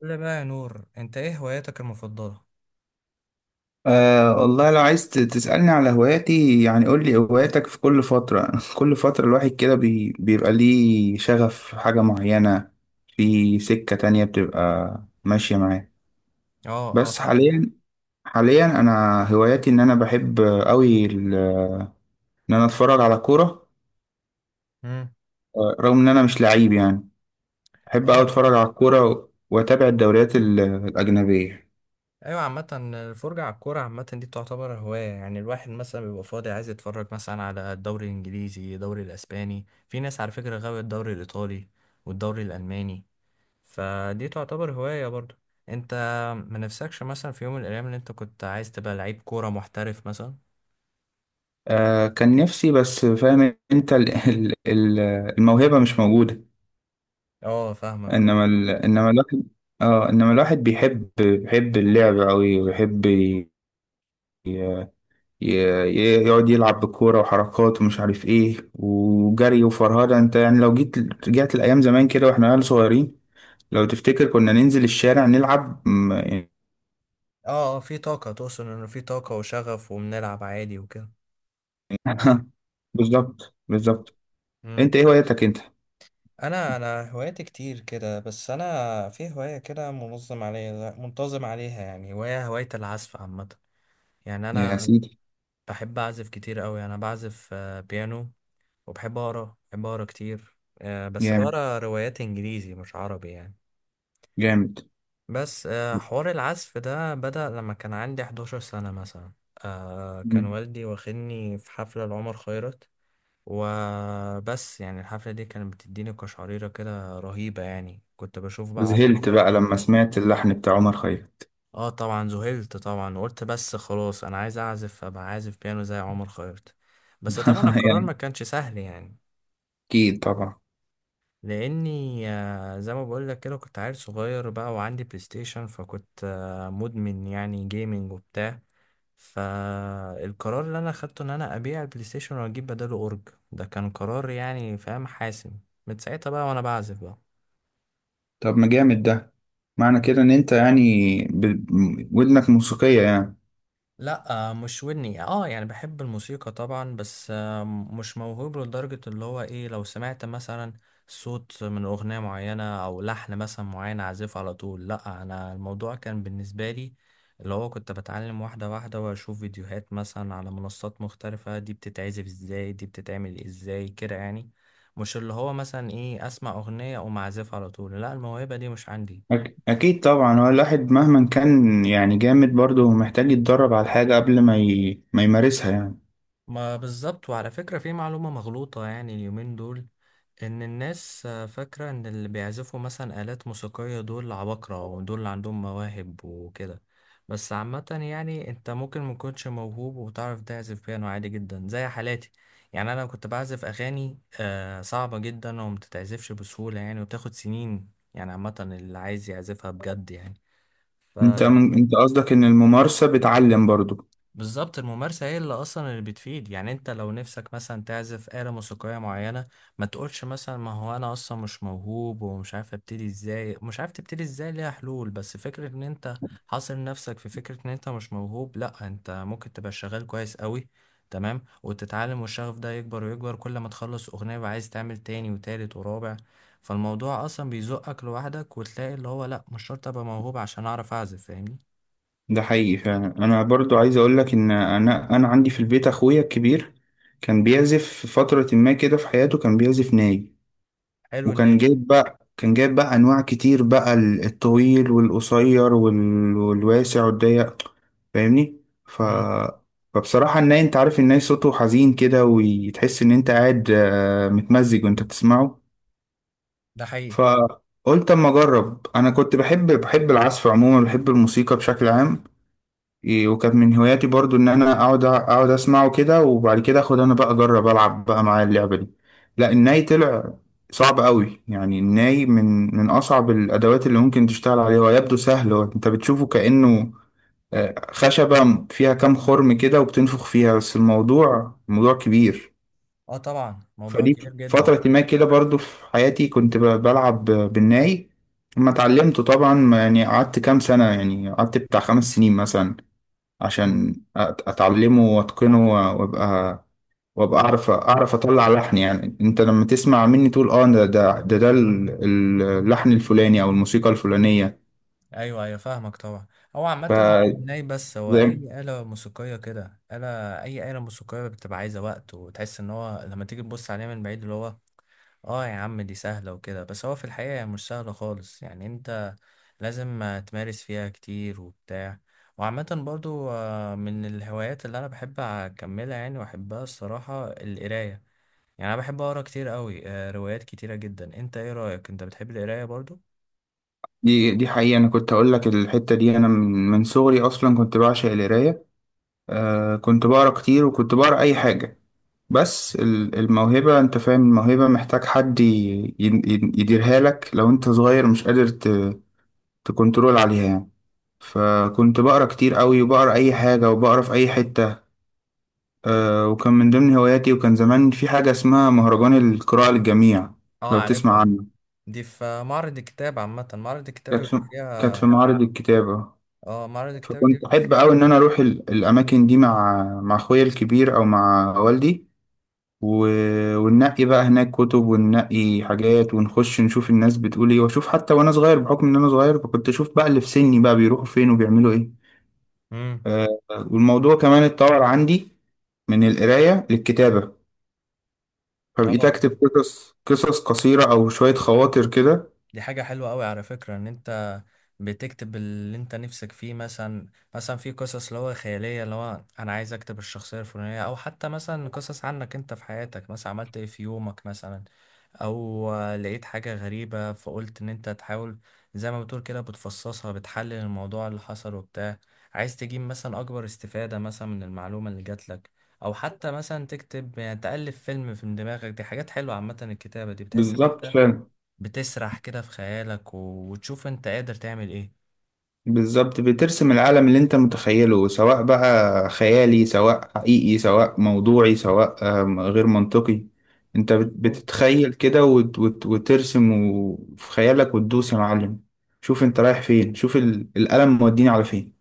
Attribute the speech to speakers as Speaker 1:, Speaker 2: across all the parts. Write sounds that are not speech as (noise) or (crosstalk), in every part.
Speaker 1: قول لي بقى يا نور، انت ايه هواياتك المفضلة؟
Speaker 2: والله لو عايز تسألني على هواياتي يعني قول لي هواياتك في كل فترة (laughs) كل فترة الواحد كده بيبقى ليه شغف في حاجة معينة، في سكة تانية بتبقى ماشية معاه.
Speaker 1: اه
Speaker 2: بس
Speaker 1: فاهم.
Speaker 2: حاليا حاليا أنا هواياتي إن أنا بحب أوي إن أنا أتفرج على كورة.
Speaker 1: امم.
Speaker 2: آه، رغم إن أنا مش لعيب يعني، بحب أوي
Speaker 1: اه
Speaker 2: أتفرج
Speaker 1: اه
Speaker 2: على الكورة وأتابع الدوريات الأجنبية.
Speaker 1: ايوه، عامة الفرجة على الكورة عامة دي تعتبر هواية. يعني الواحد مثلا بيبقى فاضي عايز يتفرج مثلا على الدوري الانجليزي، الدوري الاسباني، في ناس على فكرة غاوية الدوري الايطالي والدوري الالماني، فدي تعتبر هواية برضو. انت ما نفسكش مثلا في يوم من الايام ان انت كنت عايز تبقى لعيب كورة محترف مثلا؟
Speaker 2: أه كان نفسي، بس فاهم أنت الموهبة مش موجودة.
Speaker 1: اه فاهمك، اه.
Speaker 2: انما الواحد، اه انما الواحد بيحب بيحب اللعب قوي ويحب ي... يقعد يلعب بالكوره وحركات ومش عارف ايه وجري وفرهده. انت يعني لو جيت رجعت الايام زمان كده واحنا عيال صغيرين، لو تفتكر كنا ننزل الشارع نلعب يعني.
Speaker 1: اه، في طاقة، تقصد انه في طاقة وشغف وبنلعب عادي وكده.
Speaker 2: (laughs) بالظبط بالظبط.
Speaker 1: مم.
Speaker 2: انت ايه هوايتك انت؟
Speaker 1: انا هواياتي كتير كده، بس انا في هوايه كده منظم عليها، منتظم عليها، يعني هوايه العزف عامه. يعني
Speaker 2: يا
Speaker 1: انا
Speaker 2: سيدي.
Speaker 1: بحب اعزف كتير قوي، انا بعزف بيانو. وبحب اقرا، بحب اقرا كتير، بس
Speaker 2: جامد
Speaker 1: بقرا روايات انجليزي مش عربي يعني.
Speaker 2: جامد.
Speaker 1: بس حوار العزف ده بدأ لما كان عندي 11 سنه مثلا. كان
Speaker 2: مم.
Speaker 1: والدي واخدني في حفله لعمر خيرت، وبس يعني الحفلة دي كانت بتديني قشعريرة كده رهيبة يعني، كنت بشوف بقى عمر
Speaker 2: وذهلت بقى
Speaker 1: خيرت
Speaker 2: لما سمعت اللحن بتاع عمر خيرت.
Speaker 1: اه طبعا ذهلت طبعا، وقلت بس خلاص انا عايز اعزف، ابقى عازف بيانو زي عمر خيرت. بس طبعا
Speaker 2: (laughs)
Speaker 1: القرار
Speaker 2: يعني
Speaker 1: ما كانش سهل يعني،
Speaker 2: اكيد طبعا.
Speaker 1: لاني زي ما بقول لك كده كنت عيل صغير بقى وعندي بلاي ستيشن، فكنت مدمن يعني جيمنج وبتاع. فالقرار اللي انا اخدته ان انا ابيع البلاي ستيشن واجيب بداله اورج، ده كان قرار يعني فاهم حاسم. من ساعتها بقى وانا بعزف بقى.
Speaker 2: طب ما جامد ده، معنى كده ان انت يعني ودنك موسيقية يعني.
Speaker 1: لا مش ودني، اه يعني بحب الموسيقى طبعا، بس مش موهوب لدرجة اللي هو ايه لو سمعت مثلا صوت من أغنية معينة أو لحن مثلا معين أعزفه على طول، لا. أنا الموضوع كان بالنسبة لي اللي هو كنت بتعلم واحدة واحدة وأشوف فيديوهات مثلا على منصات مختلفة، دي بتتعزف ازاي، دي بتتعمل ازاي كده يعني. مش اللي هو مثلا ايه أسمع أغنية أقوم أعزفها على طول، لا، الموهبة دي مش عندي.
Speaker 2: اكيد طبعا، هو الواحد مهما كان يعني جامد برضه محتاج يتدرب على الحاجة قبل ما ما يمارسها يعني.
Speaker 1: ما بالظبط، وعلى فكرة في معلومة مغلوطة يعني اليومين دول، إن الناس فاكرة إن اللي بيعزفوا مثلا آلات موسيقية دول عباقرة ودول اللي عندهم مواهب وكده. بس عامة يعني أنت ممكن مكنتش موهوب وتعرف تعزف بيانو عادي جدا زي حالاتي. يعني أنا كنت بعزف أغاني صعبة جدا ومتتعزفش بسهولة يعني، وبتاخد سنين يعني عامة اللي عايز يعزفها بجد يعني.
Speaker 2: انت قصدك ان الممارسة بتعلم برضه.
Speaker 1: بالظبط، الممارسة هي اللي أصلا اللي بتفيد يعني. أنت لو نفسك مثلا تعزف آلة موسيقية معينة، ما تقولش مثلا ما هو أنا أصلا مش موهوب ومش عارف أبتدي إزاي. مش عارف تبتدي إزاي، ليها حلول، بس فكرة إن أنت حاصر نفسك في فكرة إن أنت مش موهوب، لأ، أنت ممكن تبقى شغال كويس قوي تمام، وتتعلم، والشغف ده يكبر ويكبر كل ما تخلص أغنية وعايز تعمل تاني وتالت ورابع. فالموضوع أصلا بيزقك لوحدك وتلاقي اللي هو لأ، مش شرط أبقى موهوب عشان أعرف أعزف، فاهمني.
Speaker 2: ده حقيقي فعلا. انا برضه عايز اقول لك ان انا عندي في البيت اخويا الكبير كان بيعزف في فترة ما كده في حياته، كان بيعزف ناي.
Speaker 1: حلو إن.
Speaker 2: وكان جايب بقى، كان جايب بقى انواع كتير بقى، الطويل والقصير والواسع والضيق، فاهمني. ف
Speaker 1: مم.
Speaker 2: فبصراحة الناي، انت عارف الناي صوته حزين كده وتحس ان انت قاعد آه، متمزج وانت بتسمعه.
Speaker 1: ده حقيقي.
Speaker 2: فقلت اما اجرب، انا كنت بحب، بحب العزف عموما، بحب الموسيقى بشكل عام. إيه، وكانت من هواياتي برضو ان انا اقعد اسمعه كده، وبعد كده اخد انا بقى اجرب العب بقى معاه اللعبه دي. لا الناي طلع صعب قوي يعني. الناي من اصعب الادوات اللي ممكن تشتغل عليها. هو يبدو سهل، هو انت بتشوفه كانه آه، خشبه فيها كام خرم كده وبتنفخ فيها، بس الموضوع موضوع كبير.
Speaker 1: اه طبعا، موضوع
Speaker 2: فدي
Speaker 1: كبير جدا.
Speaker 2: فتره ما كده برضو في حياتي، كنت بلعب بالناي. لما اتعلمته طبعا يعني قعدت كام سنه، يعني قعدت بتاع خمس سنين مثلا،
Speaker 1: مم.
Speaker 2: عشان اتعلمه واتقنه، وابقى وابقى اعرف، اعرف اطلع لحن. يعني انت لما تسمع مني تقول اه، ده ده ده، اللحن الفلاني او الموسيقى الفلانية.
Speaker 1: ايوه ايوه، فاهمك طبعا. هو
Speaker 2: ف
Speaker 1: عامة ناي، بس هو
Speaker 2: زي-
Speaker 1: اي آلة موسيقية كده، آلة، اي آلة موسيقية بتبقى عايزة وقت، وتحس ان هو لما تيجي تبص عليها من بعيد اللي هو اه يا عم دي سهلة وكده، بس هو في الحقيقة هي مش سهلة خالص يعني، انت لازم تمارس فيها كتير وبتاع. وعامة برضو من الهوايات اللي انا بحب اكملها يعني واحبها الصراحة القراية. يعني انا بحب اقرا كتير قوي، روايات كتيرة جدا. انت ايه رأيك، انت بتحب القراية برضو؟
Speaker 2: دي حقيقة. انا كنت اقول لك الحتة دي، انا من صغري اصلا كنت بعشق القراية. آه كنت بقرا كتير وكنت بقرا اي حاجة. بس الموهبة، انت فاهم، الموهبة محتاج حد يديرها لك. لو انت صغير مش قادر تكنترول عليها يعني. فكنت بقرا كتير قوي، وبقرا اي حاجه، وبقرا في اي حته. أه وكان من ضمن هواياتي، وكان زمان في حاجه اسمها مهرجان القراءه للجميع،
Speaker 1: اه
Speaker 2: لو تسمع
Speaker 1: عارفها،
Speaker 2: عنه.
Speaker 1: دي في معرض الكتاب، عامة معرض الكتاب
Speaker 2: كانت
Speaker 1: بيبقى
Speaker 2: في كانت في
Speaker 1: فيها.
Speaker 2: معرض الكتابه.
Speaker 1: اه معرض الكتاب دي
Speaker 2: فكنت
Speaker 1: بيبقى
Speaker 2: احب
Speaker 1: فيها.
Speaker 2: قوي ان انا اروح الاماكن دي مع اخويا الكبير او مع والدي، و... وننقي بقى هناك كتب وننقي حاجات، ونخش نشوف الناس بتقول ايه، واشوف حتى وانا صغير بحكم ان انا صغير، فكنت اشوف بقى اللي في سني بقى بيروحوا فين وبيعملوا ايه.
Speaker 1: امم.
Speaker 2: آه، والموضوع كمان اتطور عندي من القراية للكتابة، فبقيت
Speaker 1: اه،
Speaker 2: أكتب قصص، قصص قصيرة أو شوية خواطر كده.
Speaker 1: دي حاجة حلوة قوي على فكرة، ان انت بتكتب اللي انت نفسك فيه مثلا، مثلا في قصص اللي هو خيالية اللي هو انا عايز اكتب الشخصية الفلانية، او حتى مثلا قصص عنك انت في حياتك، مثلا عملت ايه في يومك مثلا، او لقيت حاجة غريبة فقلت ان انت تحاول زي ما بتقول كده بتفصصها، بتحلل الموضوع اللي حصل وبتاع، عايز تجيب مثلا اكبر استفادة مثلا من المعلومة اللي جات لك، او حتى مثلا تكتب يعني تألف فيلم في دماغك. دي حاجات حلوة عامة الكتابة دي، بتحس ان
Speaker 2: بالظبط
Speaker 1: انت
Speaker 2: فعلا.
Speaker 1: بتسرح كده في خيالك وتشوف انت قادر تعمل ايه.
Speaker 2: بالظبط بترسم العالم اللي أنت متخيله، سواء بقى خيالي سواء حقيقي سواء موضوعي سواء آم، غير منطقي. أنت
Speaker 1: مظبوط.
Speaker 2: بتتخيل كده وترسم في خيالك وتدوس يا معلم. شوف أنت رايح فين، شوف القلم موديني على فين.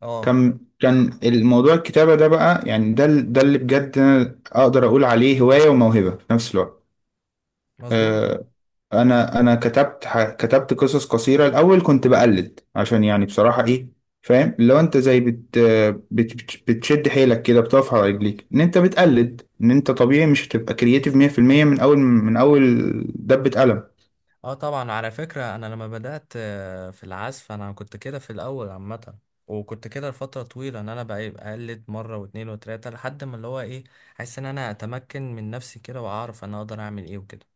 Speaker 1: اه.
Speaker 2: كان الموضوع الكتابة ده بقى يعني، ده اللي بجد أنا أقدر أقول عليه هواية وموهبة في نفس الوقت.
Speaker 1: مظبوط.
Speaker 2: آه، أنا كتبت، كتبت قصص قصيرة. الأول كنت بقلد، عشان يعني بصراحة إيه، فاهم، لو أنت زي بتشد حيلك كده بتقف على رجليك إن أنت بتقلد. إن أنت طبيعي مش هتبقى كرييتيف 100% من أول دبة قلم.
Speaker 1: اه طبعا، على فكرة انا لما بدأت في العزف انا كنت كده في الاول عامة، وكنت كده لفترة طويلة ان انا بقى بقلد مرة واتنين وتلاتة لحد ما اللي هو ايه حاسس ان انا اتمكن من نفسي كده واعرف انا اقدر اعمل ايه وكده.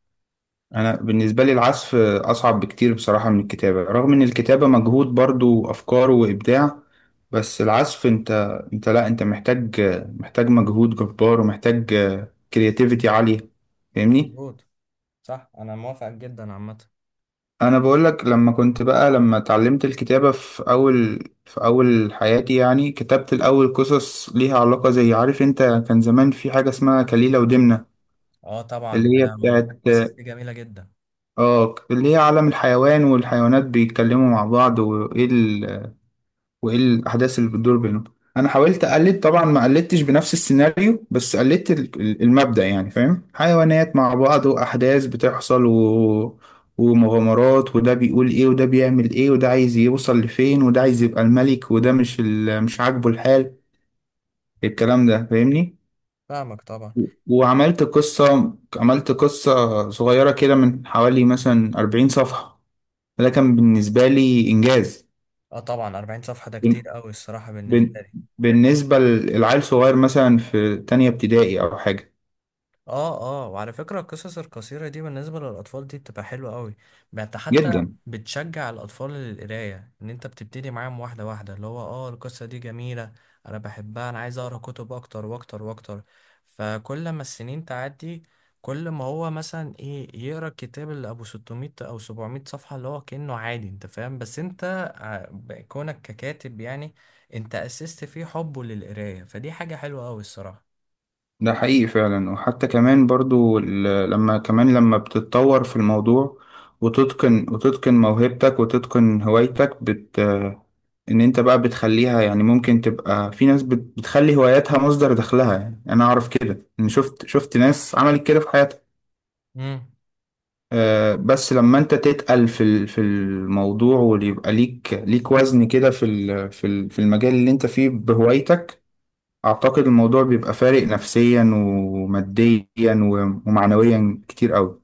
Speaker 2: انا بالنسبه لي العزف اصعب بكتير بصراحه من الكتابه، رغم ان الكتابه مجهود برضو، افكار وابداع. بس العزف انت، انت لا انت محتاج، محتاج مجهود جبار، ومحتاج كرياتيفيتي عاليه، فاهمني.
Speaker 1: مظبوط. صح، انا موافق جدا عامة.
Speaker 2: انا بقول لك، لما كنت بقى لما اتعلمت الكتابه في اول، في اول حياتي يعني، كتبت الاول قصص ليها علاقه، زي عارف انت كان زمان في حاجه اسمها كليله ودمنه،
Speaker 1: اه طبعا، يا
Speaker 2: اللي هي
Speaker 1: لهوي
Speaker 2: بتاعت،
Speaker 1: القصص دي جميلة جدا.
Speaker 2: اه اللي هي عالم الحيوان، والحيوانات بيتكلموا مع بعض، وايه وايه الاحداث اللي بتدور بينهم. انا حاولت اقلد طبعا، ما قلدتش بنفس السيناريو، بس قلدت المبدأ يعني، فاهم، حيوانات مع بعض واحداث بتحصل ومغامرات، وده بيقول ايه وده بيعمل ايه، وده عايز يوصل لفين، وده عايز يبقى الملك، وده مش عاجبه الحال،
Speaker 1: آه،
Speaker 2: الكلام ده فاهمني.
Speaker 1: فاهمك طبعا.
Speaker 2: وعملت قصة، عملت قصة صغيرة كده من حوالي مثلا 40 صفحة. ده كان بالنسبة لي إنجاز.
Speaker 1: اه طبعا 40 صفحة ده كتير
Speaker 2: بن-
Speaker 1: قوي الصراحة
Speaker 2: بن-
Speaker 1: بالنسبة لي.
Speaker 2: بالنسبة للعيل صغير مثلا في تانية ابتدائي أو حاجة.
Speaker 1: اه. اه، وعلى فكرة القصص القصيرة دي بالنسبة للأطفال دي بتبقى حلوة قوي. انت حتى
Speaker 2: جدا،
Speaker 1: بتشجع الأطفال للقراية ان انت بتبتدي معاهم واحدة واحدة، اللي هو اه القصة دي جميلة، انا بحبها، انا عايز اقرا كتب اكتر واكتر واكتر. فكل ما السنين تعدي كل ما هو مثلا ايه يقرا الكتاب اللي ابو 600 او 700 صفحة اللي هو كأنه عادي انت فاهم. بس انت كونك ككاتب يعني، انت اسست فيه حبه للقراية، فدي حاجة حلوة قوي الصراحة.
Speaker 2: ده حقيقي فعلا. وحتى كمان برضو لما كمان لما بتتطور في الموضوع وتتقن، وتتقن موهبتك وتتقن هوايتك، إن أنت بقى بتخليها، يعني ممكن تبقى في ناس بتخلي هواياتها مصدر دخلها. يعني أنا أعرف كده إن شفت، شفت ناس عملت كده في حياتها. آه، بس لما انت تتقل في الموضوع، ويبقى ليك وزن كده في المجال اللي انت فيه بهوايتك، اعتقد الموضوع بيبقى فارق نفسيا وماديا ومعنويا كتير قوي.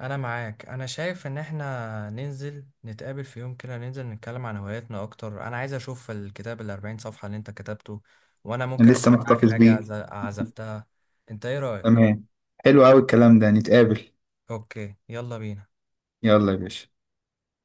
Speaker 1: انا معاك، انا شايف ان احنا ننزل نتقابل في يوم كده، ننزل نتكلم عن هواياتنا اكتر. انا عايز اشوف الكتاب الاربعين صفحة اللي انت كتبته، وانا ممكن
Speaker 2: انا لسه
Speaker 1: اسمعك
Speaker 2: محتفظ
Speaker 1: حاجة
Speaker 2: بيه.
Speaker 1: عزفتها. انت ايه رأيك؟
Speaker 2: تمام، حلو قوي الكلام ده، نتقابل.
Speaker 1: اوكي، يلا بينا.
Speaker 2: يلا يا باشا.